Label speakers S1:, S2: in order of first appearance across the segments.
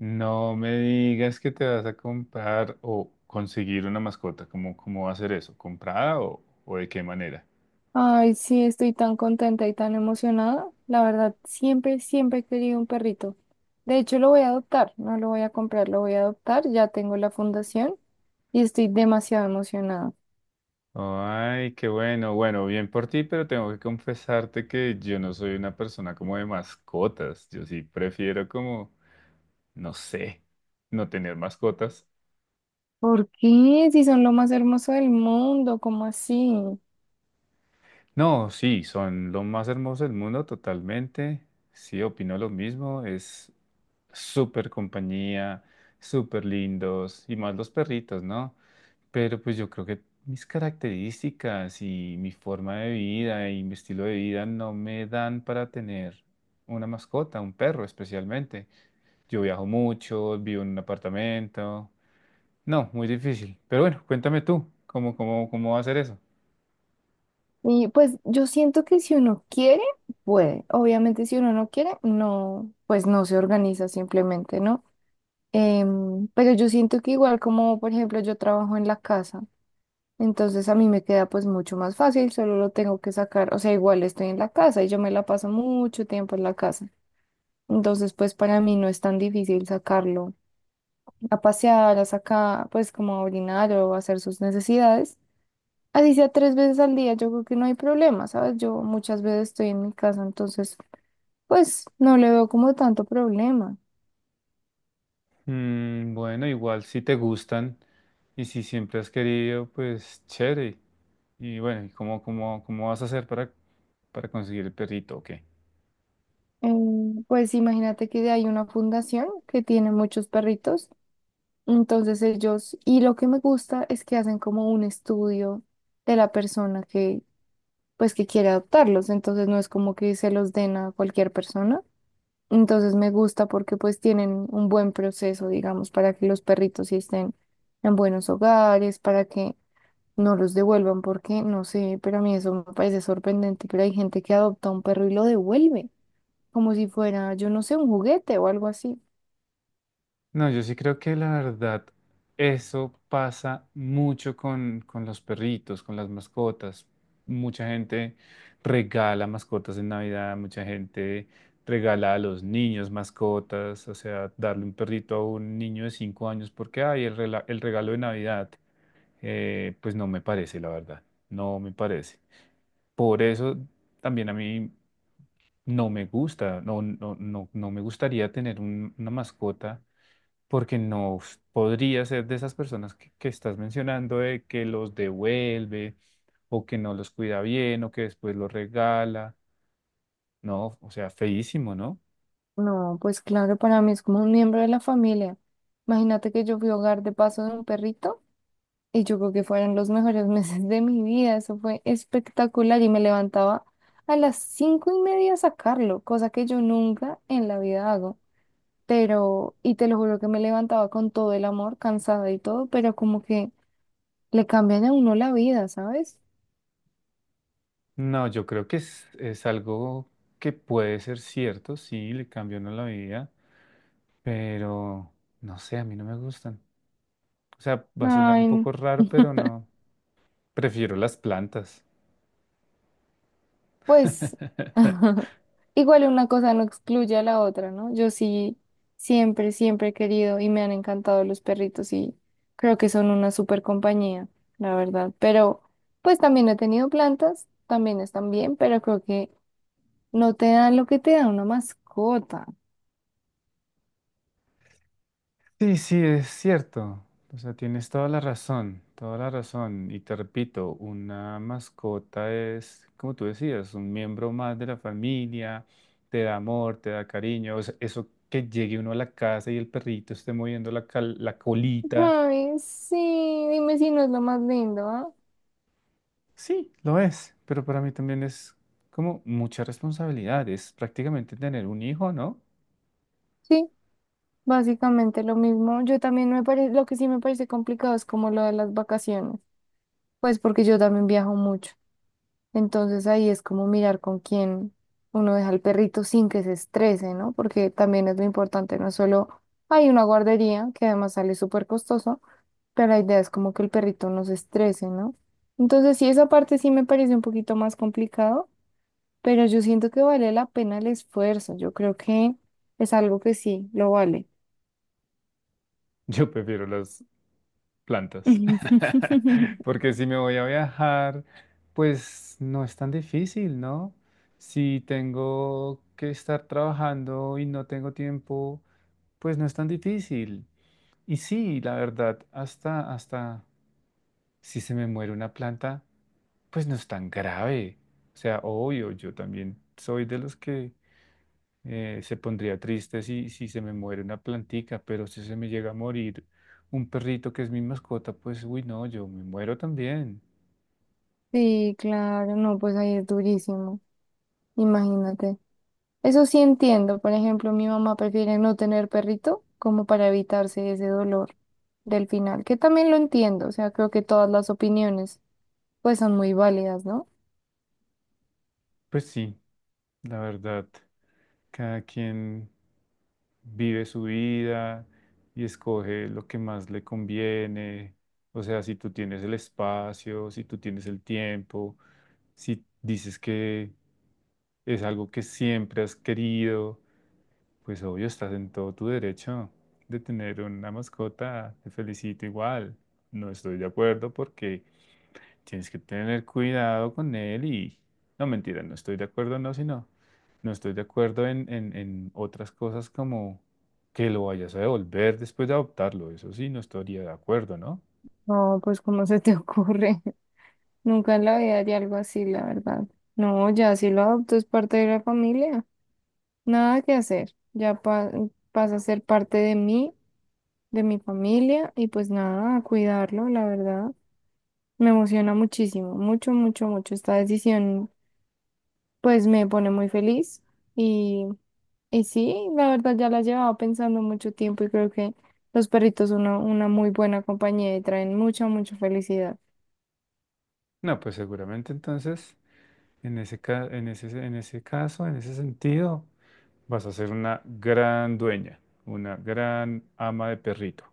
S1: No me digas que te vas a comprar o conseguir una mascota. ¿Cómo va a ser eso? ¿Comprada o de qué manera?
S2: Ay, sí, estoy tan contenta y tan emocionada. La verdad, siempre, siempre he querido un perrito. De hecho, lo voy a adoptar, no lo voy a comprar, lo voy a adoptar. Ya tengo la fundación y estoy demasiado emocionada.
S1: Ay, qué bueno. Bueno, bien por ti, pero tengo que confesarte que yo no soy una persona como de mascotas. Yo sí prefiero como, no sé, no tener mascotas.
S2: ¿Por qué? Si son lo más hermoso del mundo, ¿cómo así?
S1: No, sí, son lo más hermoso del mundo totalmente. Sí, opino lo mismo. Es súper compañía, súper lindos y más los perritos, ¿no? Pero pues yo creo que mis características y mi forma de vida y mi estilo de vida no me dan para tener una mascota, un perro especialmente. Yo viajo mucho, vivo en un apartamento. No, muy difícil. Pero bueno, cuéntame tú, ¿cómo va a ser eso?
S2: Y pues yo siento que si uno quiere, puede. Obviamente, si uno no quiere, no, pues no se organiza simplemente, ¿no? Pero yo siento que igual como, por ejemplo, yo trabajo en la casa. Entonces a mí me queda pues mucho más fácil, solo lo tengo que sacar, o sea, igual estoy en la casa y yo me la paso mucho tiempo en la casa. Entonces pues para mí no es tan difícil sacarlo a pasear, a sacar, pues como a orinar o a hacer sus necesidades. Así sea tres veces al día, yo creo que no hay problema, ¿sabes? Yo muchas veces estoy en mi casa, entonces pues no le veo como tanto problema.
S1: Mm, bueno, igual si te gustan y si siempre has querido, pues chévere. Y bueno, ¿y cómo vas a hacer para conseguir el perrito? Ok.
S2: Eh, pues imagínate que hay una fundación que tiene muchos perritos. Entonces ellos, y lo que me gusta es que hacen como un estudio de la persona que, pues, que quiere adoptarlos. Entonces no es como que se los den a cualquier persona. Entonces me gusta porque pues tienen un buen proceso, digamos, para que los perritos sí estén en buenos hogares, para que no los devuelvan, porque no sé, pero a mí eso me parece sorprendente, pero hay gente que adopta un perro y lo devuelve, como si fuera, yo no sé, un juguete o algo así.
S1: No, yo sí creo que la verdad, eso pasa mucho con los perritos, con las mascotas. Mucha gente regala mascotas en Navidad, mucha gente regala a los niños mascotas, o sea, darle un perrito a un niño de 5 años porque hay el regalo de Navidad, pues no me parece, la verdad, no me parece. Por eso también a mí no me gusta, no me gustaría tener una mascota porque no podría ser de esas personas que estás mencionando, de que los devuelve o que no los cuida bien o que después los regala. No, o sea, feísimo, ¿no?
S2: No, pues claro, para mí es como un miembro de la familia. Imagínate que yo fui hogar de paso de un perrito y yo creo que fueron los mejores meses de mi vida. Eso fue espectacular y me levantaba a las 5:30 a sacarlo, cosa que yo nunca en la vida hago. Pero, y te lo juro que me levantaba con todo el amor, cansada y todo, pero como que le cambian a uno la vida, ¿sabes?
S1: No, yo creo que es algo que puede ser cierto, sí, le cambió no la vida, pero no sé, a mí no me gustan. O sea, va a sonar un
S2: Ay,
S1: poco raro, pero no, prefiero las plantas.
S2: pues igual una cosa no excluye a la otra, ¿no? Yo sí, siempre, siempre he querido y me han encantado los perritos y creo que son una súper compañía, la verdad. Pero pues también he tenido plantas, también están bien, pero creo que no te dan lo que te da una mascota.
S1: Sí, sí, es cierto. O sea, tienes toda la razón, toda la razón. Y te repito, una mascota es, como tú decías, un miembro más de la familia, te da amor, te da cariño. O sea, eso que llegue uno a la casa y el perrito esté moviendo la, la colita,
S2: Ay, sí, dime si no es lo más lindo, ¿ah?
S1: sí, lo es. Pero para mí también es como mucha responsabilidad. Es prácticamente tener un hijo, ¿no?
S2: Sí, básicamente lo mismo. Yo también me parece, lo que sí me parece complicado es como lo de las vacaciones, pues porque yo también viajo mucho. Entonces ahí es como mirar con quién uno deja al perrito sin que se estrese, ¿no? Porque también es lo importante, no es solo hay una guardería, que además sale súper costoso, pero la idea es como que el perrito no se estrese, ¿no? Entonces sí, esa parte sí me parece un poquito más complicado, pero yo siento que vale la pena el esfuerzo, yo creo que es algo que sí, lo vale.
S1: Yo prefiero las plantas. Porque si me voy a viajar, pues no es tan difícil, ¿no? Si tengo que estar trabajando y no tengo tiempo, pues no es tan difícil. Y sí, la verdad, hasta si se me muere una planta, pues no es tan grave. O sea, obvio, yo también soy de los que se pondría triste si, si se me muere una plantica, pero si se me llega a morir un perrito que es mi mascota, pues uy, no, yo me muero también.
S2: Sí, claro, no, pues ahí es durísimo, imagínate. Eso sí entiendo. Por ejemplo, mi mamá prefiere no tener perrito como para evitarse ese dolor del final, que también lo entiendo. O sea, creo que todas las opiniones pues son muy válidas, ¿no?
S1: Pues sí, la verdad, cada quien vive su vida y escoge lo que más le conviene. O sea, si tú tienes el espacio, si tú tienes el tiempo, si dices que es algo que siempre has querido. Pues obvio, estás en todo tu derecho de tener una mascota. Te felicito igual. No estoy de acuerdo porque tienes que tener cuidado con él y... No, mentira, no estoy de acuerdo, no, sino... No estoy de acuerdo en otras cosas como que lo vayas a devolver después de adoptarlo. Eso sí, no estaría de acuerdo, ¿no?
S2: No, pues ¿cómo se te ocurre? Nunca en la vida haría algo así, la verdad. No, ya si lo adopto es parte de la familia. Nada que hacer. Ya pasa a ser parte de mí, de mi familia y pues nada, a cuidarlo, la verdad. Me emociona muchísimo, mucho, mucho, mucho esta decisión. Pues me pone muy feliz y, y sí, la verdad ya la llevaba pensando mucho tiempo y creo que los perritos son una muy buena compañía y traen mucha, mucha felicidad.
S1: No, pues seguramente entonces, en en ese caso, en ese sentido, vas a ser una gran dueña, una gran ama de perrito.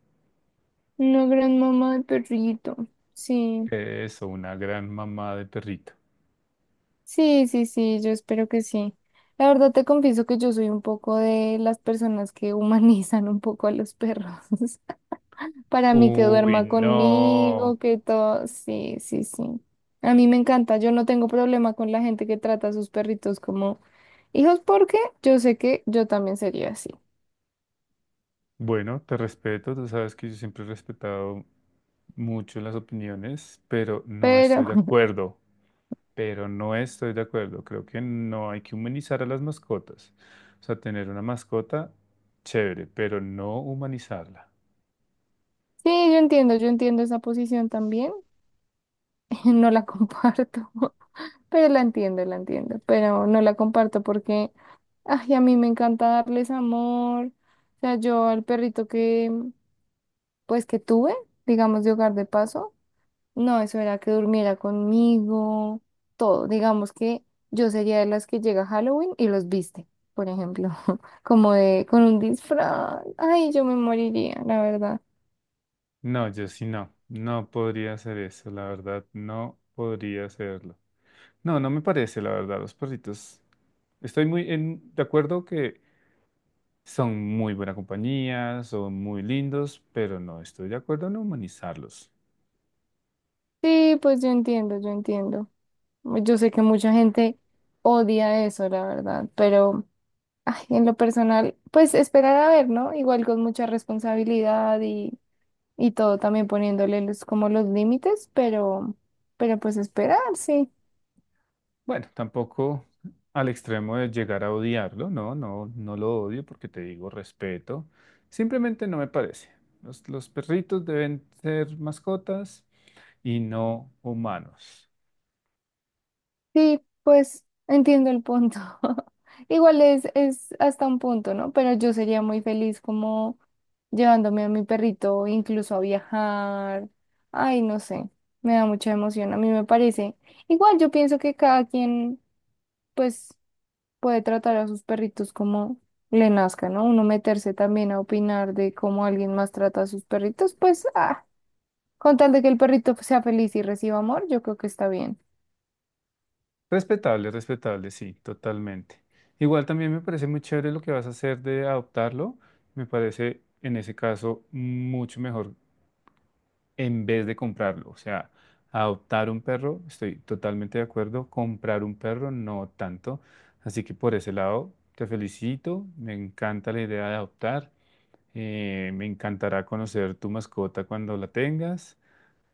S2: Una gran mamá de perrito. Sí,
S1: Eso, una gran mamá de perrito.
S2: sí, sí, sí, yo espero que sí. La verdad te confieso que yo soy un poco de las personas que humanizan un poco a los perros. Para mí que
S1: Uy,
S2: duerma conmigo,
S1: no.
S2: que todo. Sí, sí, sí. A mí me encanta. Yo no tengo problema con la gente que trata a sus perritos como hijos porque yo sé que yo también sería así.
S1: Bueno, te respeto, tú sabes que yo siempre he respetado mucho las opiniones, pero no
S2: Pero
S1: estoy de acuerdo, pero no estoy de acuerdo. Creo que no hay que humanizar a las mascotas. O sea, tener una mascota, chévere, pero no humanizarla.
S2: sí, yo entiendo esa posición también. No la comparto, pero la entiendo, la entiendo. Pero no la comparto porque, ay, a mí me encanta darles amor. O sea, yo al perrito que, pues, que tuve, digamos, de hogar de paso. No, eso era que durmiera conmigo, todo. Digamos que yo sería de las que llega a Halloween y los viste, por ejemplo, como de con un disfraz. Ay, yo me moriría, la verdad.
S1: No, yo sí no, no podría hacer eso, la verdad, no podría hacerlo. No, no me parece, la verdad, los perritos. Estoy muy de acuerdo que son muy buena compañía, son muy lindos, pero no estoy de acuerdo en humanizarlos.
S2: Sí, pues yo entiendo, yo entiendo. Yo sé que mucha gente odia eso, la verdad, pero ay, en lo personal, pues esperar a ver, ¿no? Igual con mucha responsabilidad y todo, también poniéndole los, como los límites, pero pues esperar, sí.
S1: Bueno, tampoco al extremo de llegar a odiarlo, no, no, no lo odio porque te digo respeto. Simplemente no me parece. Los perritos deben ser mascotas y no humanos.
S2: Sí, pues entiendo el punto. Igual es hasta un punto, ¿no? Pero yo sería muy feliz como llevándome a mi perrito incluso a viajar. Ay, no sé, me da mucha emoción, a mí me parece. Igual yo pienso que cada quien pues puede tratar a sus perritos como le nazca, ¿no? Uno meterse también a opinar de cómo alguien más trata a sus perritos, pues ah, con tal de que el perrito sea feliz y reciba amor, yo creo que está bien.
S1: Respetable, respetable, sí, totalmente. Igual también me parece muy chévere lo que vas a hacer de adoptarlo. Me parece en ese caso mucho mejor en vez de comprarlo. O sea, adoptar un perro, estoy totalmente de acuerdo. Comprar un perro, no tanto. Así que por ese lado, te felicito. Me encanta la idea de adoptar. Me encantará conocer tu mascota cuando la tengas.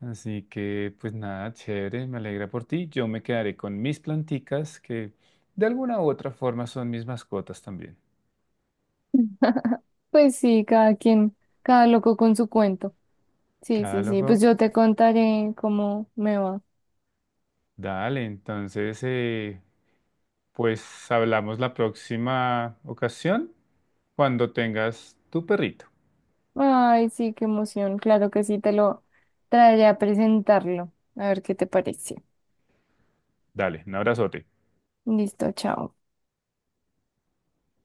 S1: Así que, pues nada, chévere, me alegra por ti. Yo me quedaré con mis planticas, que de alguna u otra forma son mis mascotas también.
S2: Pues sí, cada quien, cada loco con su cuento. Sí, sí, sí, pues
S1: Catálogo,
S2: yo te contaré cómo me va.
S1: dale, entonces, pues hablamos la próxima ocasión cuando tengas tu perrito.
S2: Ay, sí, qué emoción. Claro que sí, te lo traeré a presentarlo. A ver qué te parece.
S1: Dale, un abrazote.
S2: Listo, chao.